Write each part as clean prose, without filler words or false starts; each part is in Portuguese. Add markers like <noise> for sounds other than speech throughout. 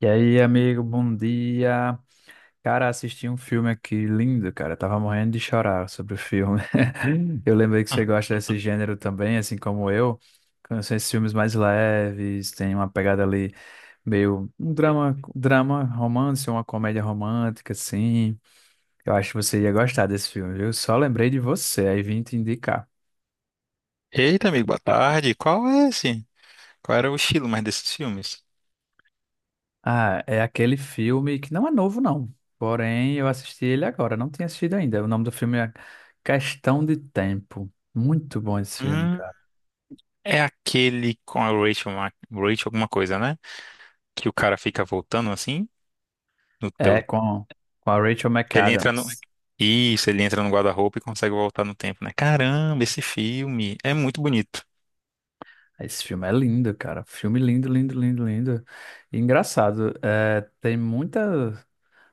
E aí, amigo, bom dia. Cara, assisti um filme aqui lindo, cara. Tava morrendo de chorar sobre o filme. <laughs> Eu lembrei que você gosta desse gênero também, assim como eu. Com esses filmes mais leves, tem uma pegada ali meio um drama, drama romance, uma comédia romântica, assim. Eu acho que você ia gostar desse filme, viu? Só lembrei de você, aí vim te indicar. Eita, amigo, boa tarde. Qual é esse? Qual era o estilo mais desses filmes? Ah, é aquele filme que não é novo, não. Porém, eu assisti ele agora, não tinha assistido ainda. O nome do filme é Questão de Tempo. Muito bom esse filme, Hum, cara. é aquele com a Rachel, Rachel alguma coisa, né? Que o cara fica voltando assim, no, É pelo, com, com a Rachel que ele entra no. McAdams. Isso, ele entra no guarda-roupa e consegue voltar no tempo, né? Caramba, esse filme é muito bonito. Esse filme é lindo, cara. Filme lindo, lindo, lindo, lindo. E engraçado, é, tem muita,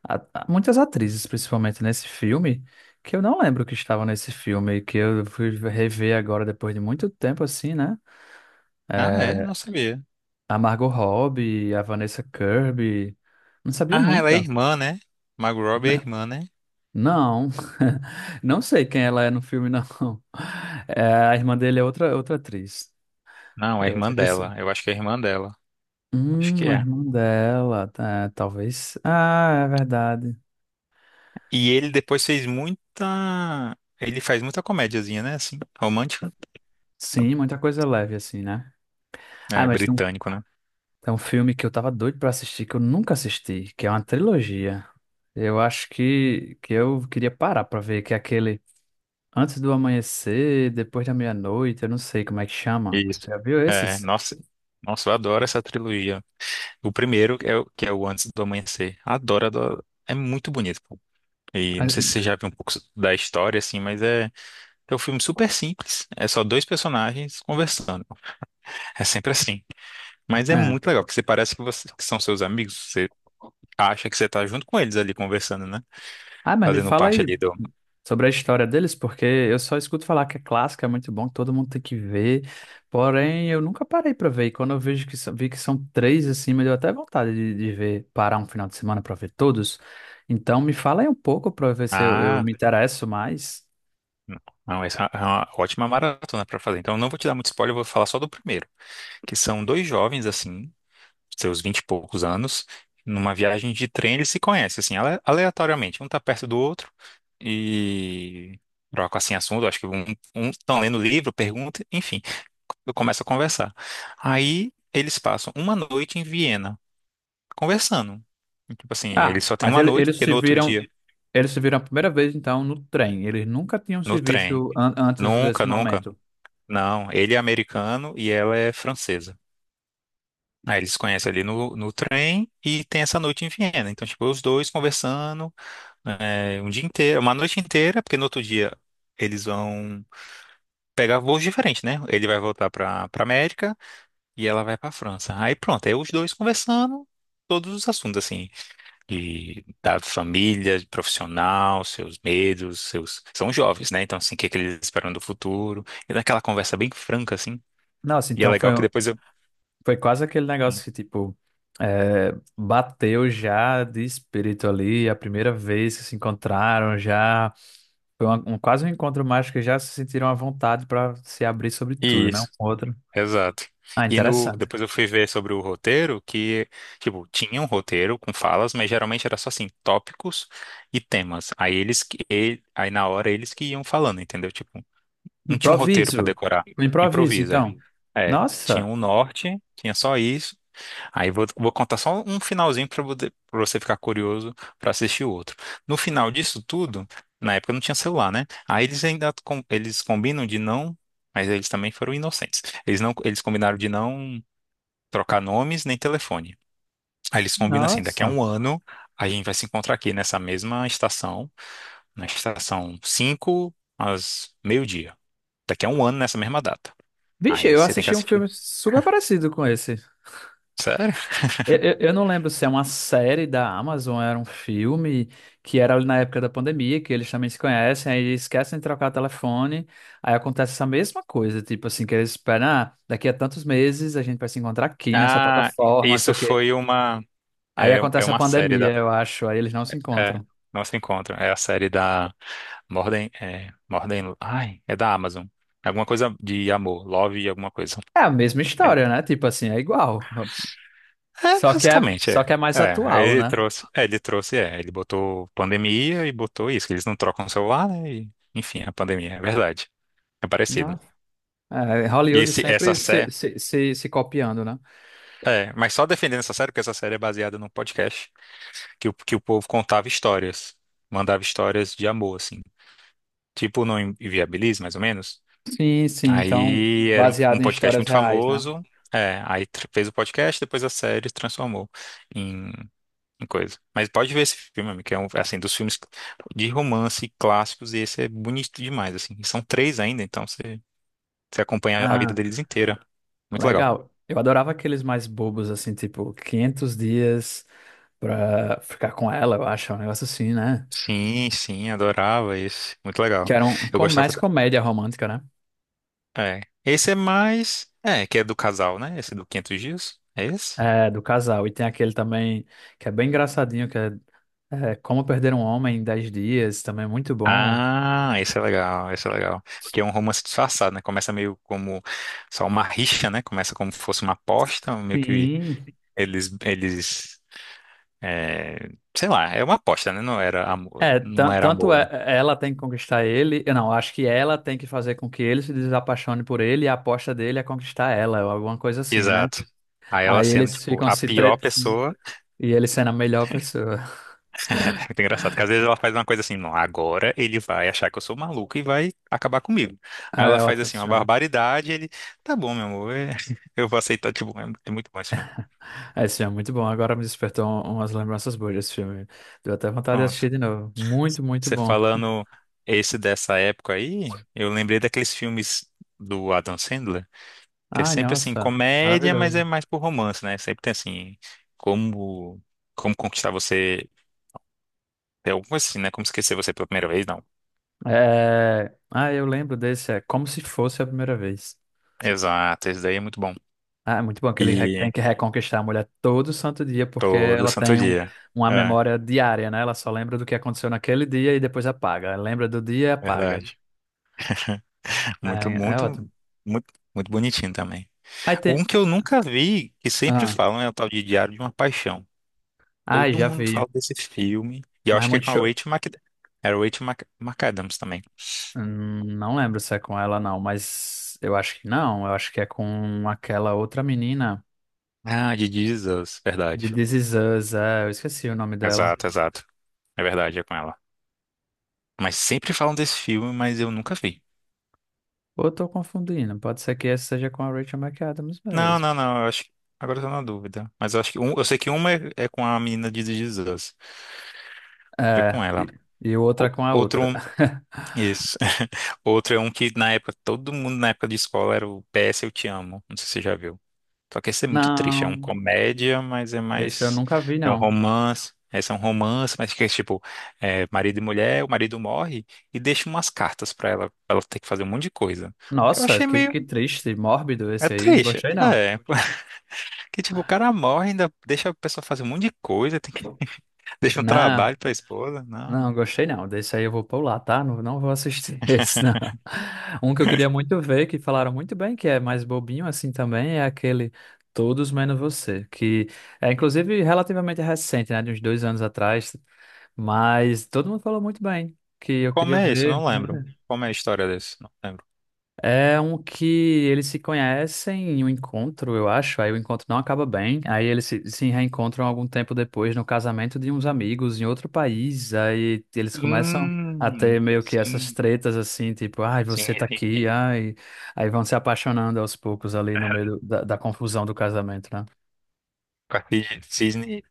muitas atrizes, principalmente nesse filme, que eu não lembro que estavam nesse filme, que eu fui rever agora depois de muito tempo, assim, né? Ah, é? É, Não sabia. a Margot Robbie, a Vanessa Kirby. Não sabia Ah, ela é nunca. irmã, né? Margot Robbie é N- irmã, né? Não, <laughs> não sei quem ela é no filme, <laughs> não. É, a irmã dele é outra, outra atriz. Não, é É irmã outra pessoa. dela. Eu acho que é irmã dela. Acho que A é. irmã dela, tá, talvez. Ah, é verdade. E ele depois fez muita... Ele faz muita comédiazinha, né? Assim, romântica. Sim, muita coisa leve assim, né? Ah, É, mas tem um, britânico, né? tem um filme que eu tava doido pra assistir, que eu nunca assisti, que é uma trilogia. Eu acho que eu queria parar pra ver, que é aquele. Antes do amanhecer, depois da meia-noite, eu não sei como é que chama. Isso. Você já viu É, esses? nossa, nossa, eu adoro essa trilogia. O primeiro é o que é o Antes do Amanhecer. Adoro, adoro. É muito bonito, pô. E não Ah, sei se você já viu um pouco da história, assim, mas é um filme super simples. É só dois personagens conversando. É sempre assim. Mas é é. muito legal, porque você parece que, que são seus amigos. Você acha que você tá junto com eles ali conversando, né? Ah, mas me Fazendo fala parte aí ali do. sobre a história deles, porque eu só escuto falar que é clássico, é muito bom, que todo mundo tem que ver. Porém, eu nunca parei pra ver. E quando eu vejo vi que são três assim, me deu até vontade de ver, parar um final de semana pra ver todos. Então, me fala aí um pouco pra ver se eu Ah, me interesso mais. não, essa é uma ótima maratona pra fazer. Então, eu não vou te dar muito spoiler, eu vou falar só do primeiro. Que são dois jovens, assim, seus vinte e poucos anos, numa viagem de trem, eles se conhecem, assim, aleatoriamente. Um tá perto do outro e trocam, assim, assunto. Acho que um estão lendo livro, pergunta, enfim, começa a conversar. Aí eles passam uma noite em Viena, conversando. Tipo assim, eles só têm uma noite, Eles porque se no outro viram. dia, Eles se viram a primeira vez, então, no trem. Eles nunca tinham se no trem. visto antes desse Nunca, nunca. momento. Não, ele é americano e ela é francesa. Aí eles se conhecem ali no trem e tem essa noite em Viena. Então, tipo, os dois conversando né, um dia inteiro, uma noite inteira, porque no outro dia eles vão pegar voos diferentes, né? Ele vai voltar pra América e ela vai pra França. Aí pronto, aí os dois conversando todos os assuntos, assim, de, da família, de profissional, seus medos, seus. São jovens, né? Então, assim, o que, que eles esperam do futuro. E daquela conversa bem franca, assim. Nossa, E é então foi, legal que depois eu. foi quase aquele negócio que, tipo, é, bateu já de espírito ali, a primeira vez que se encontraram, já foi quase um encontro mágico que já se sentiram à vontade para se abrir sobre tudo, né? Um Isso. com o outro. Exato. Ah, E no, interessante. depois eu fui ver sobre o roteiro que, tipo, tinha um roteiro com falas, mas geralmente era só assim, tópicos e temas. Aí eles que, aí na hora eles que iam falando, entendeu? Tipo, não tinha um roteiro pra Improviso. decorar. Um improviso, Improvisa, então. é. É, tinha Nossa, um norte, tinha só isso. Aí vou contar só um finalzinho para você ficar curioso para assistir o outro. No final disso tudo, na época não tinha celular, né? Aí eles ainda eles combinam de não, mas eles também foram inocentes. Eles não, eles combinaram de não trocar nomes nem telefone. Aí eles combinam assim, daqui a nossa. um ano a gente vai se encontrar aqui nessa mesma estação, na estação 5 às meio-dia. Daqui a um ano nessa mesma data. Vixe, Aí eu você tem que assisti um assistir. filme super parecido com esse. Sério? Eu não lembro se é uma série da Amazon, era um filme que era ali na época da pandemia, que eles também se conhecem, aí eles esquecem de trocar telefone, aí acontece essa mesma coisa, tipo assim, que eles esperam, ah, daqui a tantos meses a gente vai se encontrar aqui nessa Ah, plataforma, não sei isso o quê. foi Aí acontece a uma série. pandemia, eu acho, aí eles não se É, encontram. não se encontram. É a série da Mordem, ai, é da Amazon. Alguma coisa de amor, love e alguma coisa. É a mesma É, história, né? Tipo assim, é igual. é, Só que é, basicamente, é. só que é mais É, aí atual, né? Ele botou pandemia e botou isso, que eles não trocam o celular, né? E, enfim, a pandemia, é verdade. É Não. parecido. É, E Hollywood essa sempre série, se copiando, né? Mas só defendendo essa série, porque essa série é baseada num podcast que, que o povo contava histórias, mandava histórias de amor, assim. Tipo no Inviabilis, mais ou menos. Sim, sim. Então, Aí era um baseado em podcast histórias muito reais, né? famoso. É, aí fez o podcast, depois a série transformou em, em coisa. Mas pode ver esse filme, amigo, que é um, assim, dos filmes de romance clássicos, e esse é bonito demais, assim. E são três ainda, então você acompanha a vida Ah, deles inteira. Muito legal. legal. Eu adorava aqueles mais bobos, assim, tipo quinhentos dias pra ficar com ela, eu acho, é um negócio assim, né? Sim, sim, adorava esse. Muito Que legal. era Eu gostava. mais comédia romântica, né? É. Esse é mais. É, que é do casal, né? Esse do 500 Dias. É esse? É, do casal. E tem aquele também que é bem engraçadinho, é Como Perder um Homem em 10 Dias, também é muito bom. Ah, esse é legal, esse é legal. Porque é um romance disfarçado, né? Começa meio como só uma rixa, né? Começa como se fosse uma aposta, meio que Sim. eles, é, sei lá, é uma aposta, né? Não era amor, É, não era tanto amor, né? Ela tem que conquistar ele, eu não, acho que ela tem que fazer com que ele se desapaixone por ele e a aposta dele é conquistar ela, ou alguma coisa assim, né? Exato. Aí ela Aí sendo, eles tipo, ficam a se pior tretando pessoa. <laughs> e ele sendo a melhor pessoa. <laughs> É muito engraçado, porque às vezes ela faz uma coisa assim, não, agora ele vai achar que eu sou maluco e vai acabar comigo. Aí Ah, ela é faz ótimo assim, esse uma filme. barbaridade, ele, tá bom, meu amor, <laughs> eu vou aceitar, tipo, é muito bom esse filme. É, esse filme é muito bom, agora me despertou umas lembranças boas desse filme. Deu até vontade de Pronto. assistir de novo. Muito, muito Você bom. falando esse dessa época aí, eu lembrei daqueles filmes do Adam Sandler, que é Ai, sempre assim, nossa, comédia, mas é maravilhoso. mais por romance, né? Sempre tem assim, como como conquistar você, é alguma coisa assim, né? Como esquecer você pela primeira vez, não. É... Ah, eu lembro desse, é Como Se Fosse a Primeira Vez. Exato, esse daí é muito bom. Ah, é muito bom que ele E tem que reconquistar a mulher todo santo dia, porque todo ela santo tem um, dia. uma É, memória diária, né? Ela só lembra do que aconteceu naquele dia e depois apaga. Ela lembra do dia e apaga. verdade. Muito, É, é muito, ótimo. muito, muito bonitinho também. Aí tem. Um que eu nunca vi, que sempre Ah, falam, é o tal de Diário de uma Paixão. ai, Todo já mundo fala vi. desse filme. E eu Mas é acho que é muito com a choro. Rachel Mc. Era Rachel McAdams também. Não lembro se é com ela, não, mas eu acho que não. Eu acho que é com aquela outra menina Ah, de Jesus, de verdade. This Is Us. É, eu esqueci o nome dela. Exato, exato. É verdade, é com ela. Mas sempre falam desse filme, mas eu nunca vi. Ou eu tô confundindo. Pode ser que essa seja com a Rachel McAdams Não, mesmo. não, não, eu acho que. Agora eu tô na dúvida. Mas eu acho que. Um. Eu sei que uma é com a menina de Jesus. É É, com ela. e, e outra com a Outro. outra. <laughs> Isso. <laughs> Outro é um. Todo mundo na época de escola era o PS Eu Te Amo. Não sei se você já viu. Só que esse é muito triste. É uma Não, comédia, mas é esse eu mais. nunca vi, É um não. romance. Esse é um romance, mas que é tipo, marido e mulher, o marido morre e deixa umas cartas pra ela, ter que fazer um monte de coisa. Eu Nossa, achei meio. que triste, mórbido É esse aí, não triste. gostei, não. É. <laughs> Que tipo, o cara morre, ainda deixa a pessoa fazer um monte de coisa, tem que. <laughs> Deixa um Não, trabalho pra esposa. Não, não. não gostei, não. Desse aí eu vou pular, tá? Não, não vou assistir <laughs> esse, não. Um que eu queria muito ver, que falaram muito bem, que é mais bobinho assim também, é aquele Todos Menos Você, que é inclusive relativamente recente, né? De uns dois anos atrás, mas todo mundo falou muito bem, que eu Como queria é isso? Eu ver. não Né? lembro. Como é a história desse? Não lembro. É um que eles se conhecem em um encontro, eu acho. Aí o encontro não acaba bem. Aí eles se reencontram algum tempo depois no casamento de uns amigos em outro país. Aí eles começam a ter meio que essas Sim, tretas assim, tipo, ai, sim, você tá sim, aqui, sim. ai. Aí vão se apaixonando aos poucos ali no meio da confusão do casamento, né? Com a Cisne. Cisne.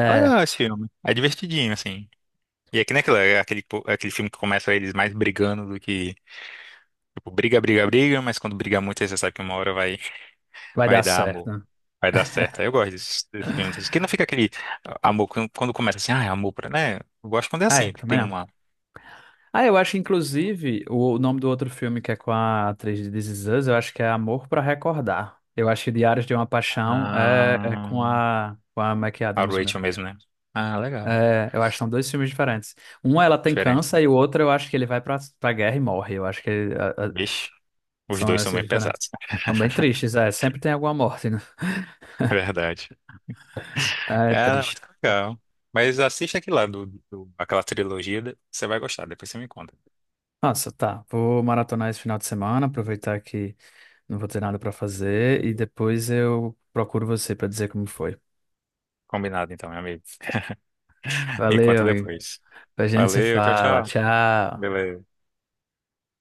É legal esse filme. É divertidinho, assim. E é que nem aquilo, é aquele filme que começa eles mais brigando do que. Tipo, briga, briga, briga, mas quando briga muito, aí você sabe que uma hora vai, vai dar vai dar certo. amor. Né? Vai dar certo. Eu gosto desses filmes. Assim, que não fica aquele ah, amor quando começa assim, ah, é amor pra, né? Eu gosto quando é Ai, assim, que também tem não. uma. Ah, eu acho, inclusive, o nome do outro filme que é com a atriz de This Is Us, eu acho que é Amor para Recordar. Eu acho que Diários de uma Paixão Ah, com a Mac a Adams mesmo. Rachel mesmo, né? Ah, legal. É, eu acho que são dois filmes diferentes. Um ela tem Diferente, né? câncer e o outro eu acho que ele vai pra guerra e morre. Eu acho Vixe, os são dois são esses bem diferentes. pesados. São bem tristes, é. Sempre tem alguma morte, né? <laughs> <laughs> Verdade. É Cara, muito triste. legal. Mas assiste aqui lá aquela trilogia, você vai gostar, depois você me conta. Nossa, tá. Vou maratonar esse final de semana, aproveitar que não vou ter nada pra fazer e depois eu procuro você pra dizer como foi. Combinado então, meu amigo. Me Valeu, conta amigo. depois. A gente se Valeu, tchau, fala. tchau. Tchau. Beleza.